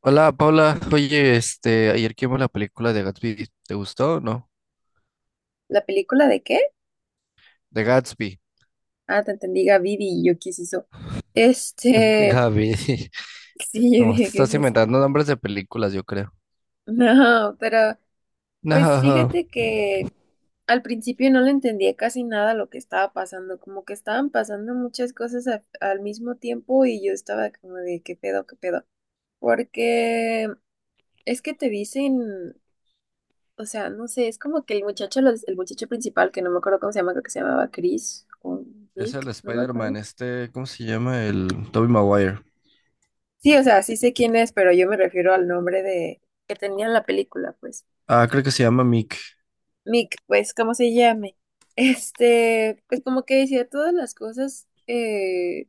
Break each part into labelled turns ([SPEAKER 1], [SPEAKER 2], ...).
[SPEAKER 1] Hola Paula, oye, ayer que vimos la película de Gatsby, ¿te gustó o no?
[SPEAKER 2] ¿La película de qué?
[SPEAKER 1] De Gatsby,
[SPEAKER 2] Ah, te entendí, Vivi y yo, ¿qué es eso?
[SPEAKER 1] de
[SPEAKER 2] Este,
[SPEAKER 1] Gaby,
[SPEAKER 2] sí, yo
[SPEAKER 1] no, te
[SPEAKER 2] dije, ¿qué es
[SPEAKER 1] estás
[SPEAKER 2] eso?
[SPEAKER 1] inventando nombres de películas, yo creo.
[SPEAKER 2] No, pero pues
[SPEAKER 1] No,
[SPEAKER 2] fíjate que al principio no le entendía casi nada lo que estaba pasando, como que estaban pasando muchas cosas al mismo tiempo y yo estaba como de, ¿qué pedo, qué pedo? Porque es que te dicen, o sea, no sé, es como que el muchacho, el muchacho principal, que no me acuerdo cómo se llama, creo que se llamaba Chris o
[SPEAKER 1] es el
[SPEAKER 2] Nick, no me acuerdo.
[SPEAKER 1] Spider-Man, ¿cómo se llama? El Tobey Maguire.
[SPEAKER 2] Sí, o sea, sí sé quién es, pero yo me refiero al nombre de que tenía en la película, pues.
[SPEAKER 1] Ah, creo que se llama Mick.
[SPEAKER 2] Mick, pues, ¿cómo se llame? Pues como que decía todas las cosas,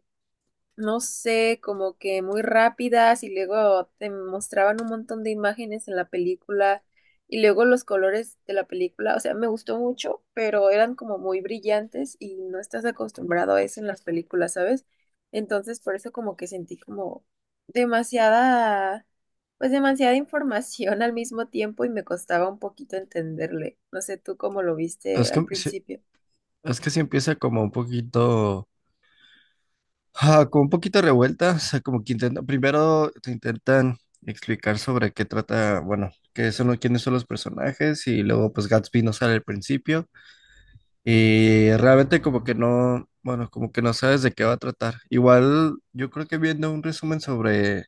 [SPEAKER 2] no sé, como que muy rápidas y luego te mostraban un montón de imágenes en la película y luego los colores de la película, o sea, me gustó mucho, pero eran como muy brillantes y no estás acostumbrado a eso en las películas, ¿sabes? Entonces, por eso como que sentí como demasiada, pues demasiada información al mismo tiempo y me costaba un poquito entenderle. No sé tú cómo lo viste
[SPEAKER 1] Es que,
[SPEAKER 2] al
[SPEAKER 1] sí-
[SPEAKER 2] principio.
[SPEAKER 1] es que sí empieza como un poquito, como un poquito revuelta, o sea, como que intenta, primero te intentan explicar sobre qué trata, bueno, qué son, quiénes son los personajes y luego pues Gatsby no sale al principio. Y realmente como que no, bueno, como que no sabes de qué va a tratar. Igual yo creo que viendo un resumen sobre,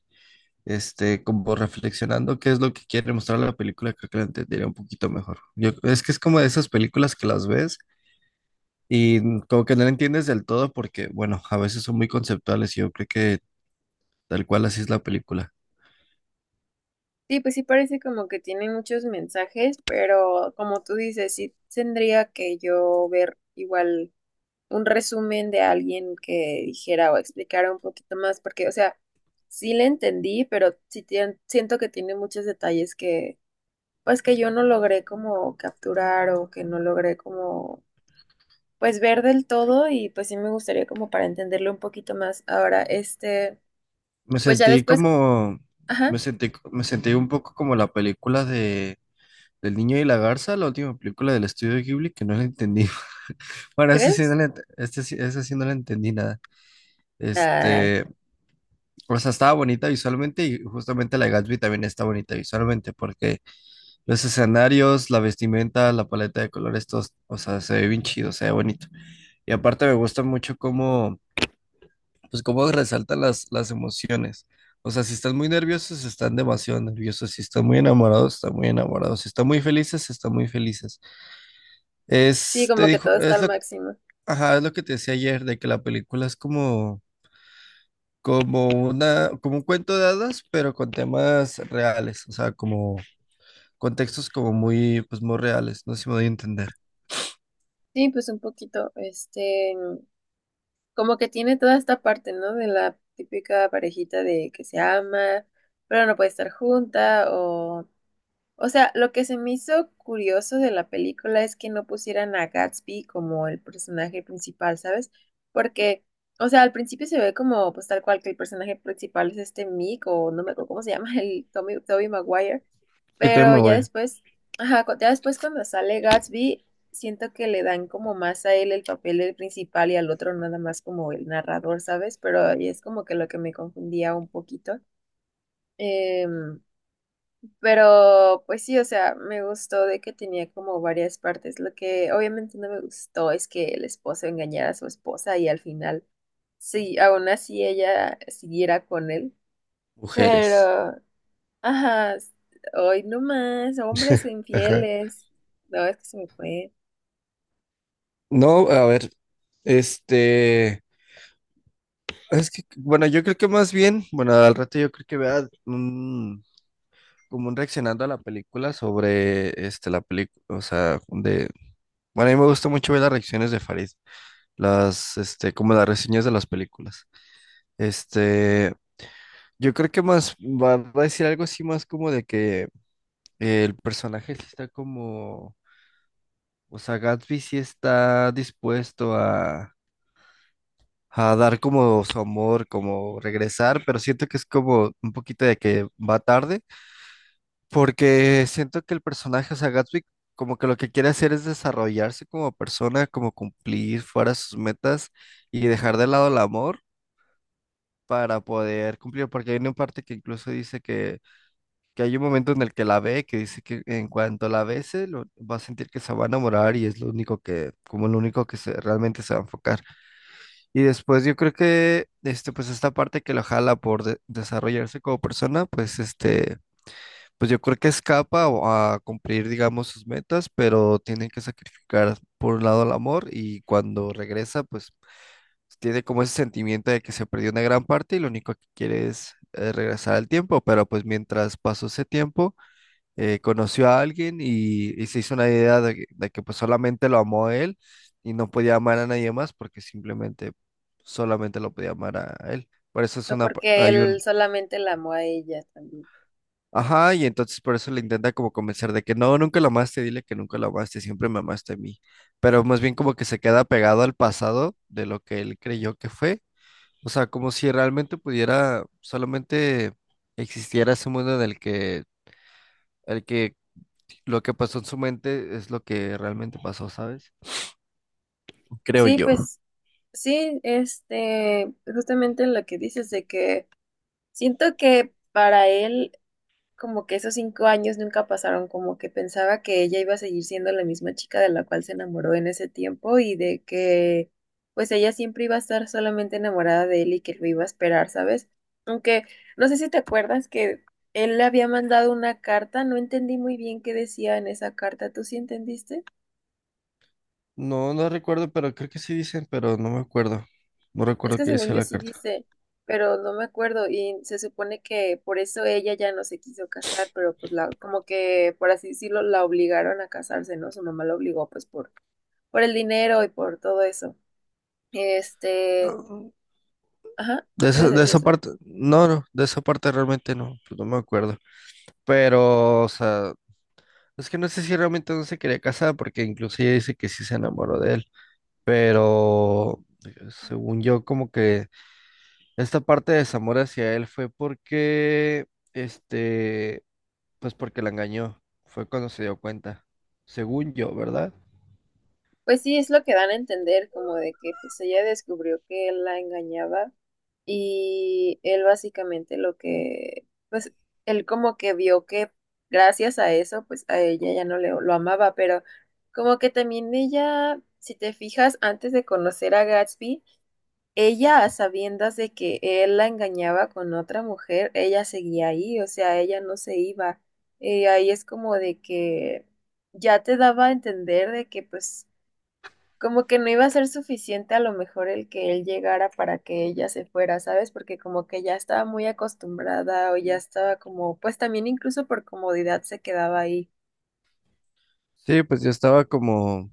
[SPEAKER 1] como reflexionando qué es lo que quiere mostrar la película, creo que la entendería un poquito mejor. Yo, es que es como de esas películas que las ves y como que no la entiendes del todo porque, bueno, a veces son muy conceptuales y yo creo que tal cual así es la película.
[SPEAKER 2] Sí, pues sí parece como que tiene muchos mensajes, pero como tú dices, sí tendría que yo ver igual un resumen de alguien que dijera o explicara un poquito más, porque, o sea, sí le entendí, pero siento que tiene muchos detalles que, pues que yo no logré como capturar o que no logré como, pues ver del todo y pues sí me gustaría como para entenderlo un poquito más. Ahora,
[SPEAKER 1] Me
[SPEAKER 2] pues ya
[SPEAKER 1] sentí
[SPEAKER 2] después,
[SPEAKER 1] como,
[SPEAKER 2] ajá,
[SPEAKER 1] me sentí un poco como la película de... Del niño y la garza, la última película del estudio Ghibli, que no la entendí. Bueno,
[SPEAKER 2] ¿crees?
[SPEAKER 1] ese sí no le entendí nada.
[SPEAKER 2] Ay.
[SPEAKER 1] Este, o sea, estaba bonita visualmente y justamente la de Gatsby también está bonita visualmente porque los escenarios, la vestimenta, la paleta de colores, todos, o sea, se ve bien chido, se ve bonito. Y aparte me gusta mucho cómo, pues cómo resaltan las emociones. O sea, si están muy nerviosos, están demasiado nerviosos. Si están muy enamorados, están muy enamorados. Si están muy felices, están muy felices.
[SPEAKER 2] Sí,
[SPEAKER 1] Es, te
[SPEAKER 2] como que
[SPEAKER 1] dijo,
[SPEAKER 2] todo está
[SPEAKER 1] es
[SPEAKER 2] al
[SPEAKER 1] lo que,
[SPEAKER 2] máximo.
[SPEAKER 1] ajá, es lo que te decía ayer, de que la película es como una, como un cuento de hadas, pero con temas reales, o sea, como contextos como muy, pues muy reales, no sé si me doy a entender.
[SPEAKER 2] Sí, pues un poquito, como que tiene toda esta parte, ¿no? De la típica parejita de que se ama, pero no puede estar junta, o sea, lo que se me hizo curioso de la película es que no pusieran a Gatsby como el personaje principal, ¿sabes? Porque, o sea, al principio se ve como, pues tal cual que el personaje principal es este Mick, o no me acuerdo cómo se llama, el Tommy, Tobey Maguire,
[SPEAKER 1] Y también
[SPEAKER 2] pero
[SPEAKER 1] me
[SPEAKER 2] ya
[SPEAKER 1] voy.
[SPEAKER 2] después, ajá, ya después cuando sale Gatsby, siento que le dan como más a él el papel del principal y al otro nada más como el narrador, ¿sabes? Pero ahí es como que lo que me confundía un poquito. Em, pero pues sí, o sea, me gustó de que tenía como varias partes. Lo que obviamente no me gustó es que el esposo engañara a su esposa y al final, sí, aún así ella siguiera con él.
[SPEAKER 1] Mujeres.
[SPEAKER 2] Pero ajá, s- hoy no más, hombres
[SPEAKER 1] Ajá.
[SPEAKER 2] infieles. No, es que se me fue.
[SPEAKER 1] No, a ver, este, es que, bueno, yo creo que más bien, bueno, al rato yo creo que vea un, como un reaccionando a la película sobre, la película, o sea, de, bueno, a mí me gusta mucho ver las reacciones de Farid, como las reseñas de las películas, este, yo creo que más va a decir algo así más como de que el personaje sí está como, o sea, Gatsby sí está dispuesto a dar como su amor, como regresar, pero siento que es como un poquito de que va tarde, porque siento que el personaje, o sea, Gatsby como que lo que quiere hacer es desarrollarse como persona, como cumplir fuera sus metas y dejar de lado el amor para poder cumplir, porque hay una parte que incluso dice que hay un momento en el que la ve, que dice que en cuanto la bese, lo, va a sentir que se va a enamorar y es lo único que, como lo único que se, realmente se va a enfocar. Y después yo creo que, pues esta parte que lo jala por desarrollarse como persona, pues pues yo creo que escapa o a cumplir, digamos, sus metas, pero tiene que sacrificar por un lado el amor y cuando regresa, pues tiene como ese sentimiento de que se perdió una gran parte y lo único que quiere es regresar al tiempo, pero pues mientras pasó ese tiempo, conoció a alguien y se hizo una idea de que, pues solamente lo amó a él y no podía amar a nadie más porque simplemente solamente lo podía amar a él. Por eso es
[SPEAKER 2] No, porque
[SPEAKER 1] hay
[SPEAKER 2] él
[SPEAKER 1] un,
[SPEAKER 2] solamente la amó a ella también.
[SPEAKER 1] ajá, y entonces por eso le intenta como convencer de que no, nunca lo amaste, dile que nunca lo amaste, siempre me amaste a mí. Pero más bien como que se queda pegado al pasado de lo que él creyó que fue. O sea, como si realmente pudiera solamente existiera ese mundo en el que lo que pasó en su mente es lo que realmente pasó, ¿sabes? Creo
[SPEAKER 2] Sí,
[SPEAKER 1] yo.
[SPEAKER 2] pues sí, justamente lo que dices de que siento que para él como que esos 5 años nunca pasaron, como que pensaba que ella iba a seguir siendo la misma chica de la cual se enamoró en ese tiempo y de que pues ella siempre iba a estar solamente enamorada de él y que lo iba a esperar, ¿sabes? Aunque no sé si te acuerdas que él le había mandado una carta, no entendí muy bien qué decía en esa carta, ¿tú sí entendiste?
[SPEAKER 1] No, no recuerdo, pero creo que sí dicen, pero no me acuerdo. No
[SPEAKER 2] Es
[SPEAKER 1] recuerdo
[SPEAKER 2] que
[SPEAKER 1] qué
[SPEAKER 2] según
[SPEAKER 1] decía
[SPEAKER 2] yo
[SPEAKER 1] la
[SPEAKER 2] sí
[SPEAKER 1] carta.
[SPEAKER 2] dice, pero no me acuerdo y se supone que por eso ella ya no se quiso casar, pero pues la, como que por así decirlo la obligaron a casarse, ¿no? Su mamá la obligó pues por el dinero y por todo eso. Este,
[SPEAKER 1] Ah,
[SPEAKER 2] ajá, ibas a
[SPEAKER 1] De
[SPEAKER 2] decir
[SPEAKER 1] esa
[SPEAKER 2] eso.
[SPEAKER 1] parte, no, no, de esa parte realmente no, pues no me acuerdo. Pero, o sea, es que no sé si realmente no se quería casar, porque incluso ella dice que sí se enamoró de él. Pero, según yo, como que esta parte de desamor hacia él fue porque, este, pues porque la engañó. Fue cuando se dio cuenta. Según yo, ¿verdad?
[SPEAKER 2] Pues sí, es lo que dan a entender, como de que pues ella descubrió que él la engañaba. Y él básicamente lo que, pues, él como que vio que gracias a eso, pues a ella ya no le, lo amaba, pero como que también ella, si te fijas, antes de conocer a Gatsby, ella a sabiendas de que él la engañaba con otra mujer, ella seguía ahí, o sea, ella no se iba. Ahí es como de que ya te daba a entender de que pues como que no iba a ser suficiente a lo mejor el que él llegara para que ella se fuera, ¿sabes? Porque como que ya estaba muy acostumbrada o ya estaba como, pues también incluso por comodidad se quedaba ahí.
[SPEAKER 1] Sí, pues yo estaba como...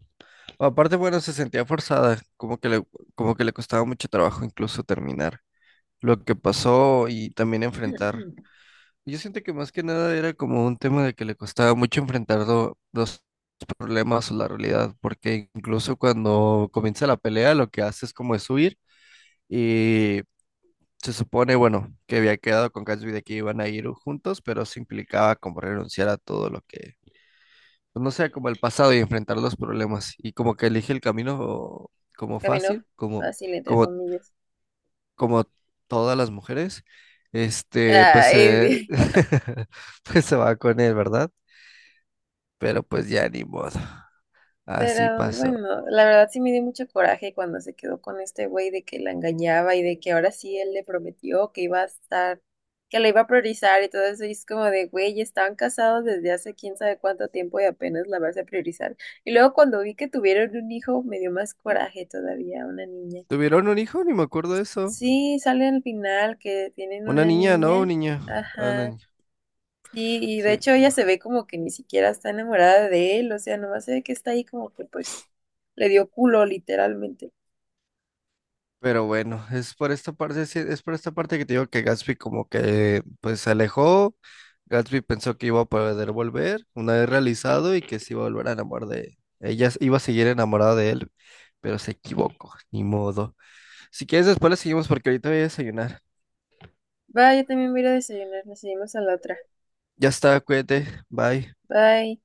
[SPEAKER 1] Aparte, bueno, se sentía forzada, como que le costaba mucho trabajo incluso terminar lo que pasó y también enfrentar. Yo siento que más que nada era como un tema de que le costaba mucho enfrentar los problemas o la realidad, porque incluso cuando comienza la pelea, lo que hace es como es huir y se supone, bueno, que había quedado con Gatsby de que iban a ir juntos, pero se implicaba como renunciar a todo lo que, pues, no sé, como el pasado y enfrentar los problemas. Y como que elige el camino como
[SPEAKER 2] Caminó
[SPEAKER 1] fácil,
[SPEAKER 2] fácil, entre
[SPEAKER 1] como,
[SPEAKER 2] comillas.
[SPEAKER 1] como todas las mujeres, este, pues, eh,
[SPEAKER 2] Ay,
[SPEAKER 1] pues se va con él, ¿verdad? Pero pues ya ni modo. Así
[SPEAKER 2] pero
[SPEAKER 1] pasó.
[SPEAKER 2] bueno, la verdad sí me dio mucho coraje cuando se quedó con este güey de que la engañaba y de que ahora sí él le prometió que iba a estar, que la iba a priorizar y todo eso. Y es como de, güey, estaban casados desde hace quién sabe cuánto tiempo y apenas la vas a priorizar. Y luego cuando vi que tuvieron un hijo, me dio más coraje todavía, una niña.
[SPEAKER 1] ¿Tuvieron un hijo? Ni me acuerdo de eso.
[SPEAKER 2] Sí, sale al final que tienen
[SPEAKER 1] Una
[SPEAKER 2] una
[SPEAKER 1] niña, ¿no?
[SPEAKER 2] niña.
[SPEAKER 1] Un niño. Ah, una
[SPEAKER 2] Ajá.
[SPEAKER 1] niña.
[SPEAKER 2] Sí, y de
[SPEAKER 1] Sí.
[SPEAKER 2] hecho ella se ve como que ni siquiera está enamorada de él, o sea, nomás se ve que está ahí como que pues le dio culo literalmente.
[SPEAKER 1] Pero bueno, es por esta parte, sí, es por esta parte que te digo que Gatsby como que pues se alejó. Gatsby pensó que iba a poder volver una vez realizado y que se iba a volver a enamorar de ella, iba a seguir enamorada de él, pero se equivocó, ni modo. Si quieres después le seguimos porque ahorita voy a desayunar.
[SPEAKER 2] Bye, yo también voy a ir a desayunar, nos seguimos a la otra.
[SPEAKER 1] Ya está, cuídate, bye.
[SPEAKER 2] Bye.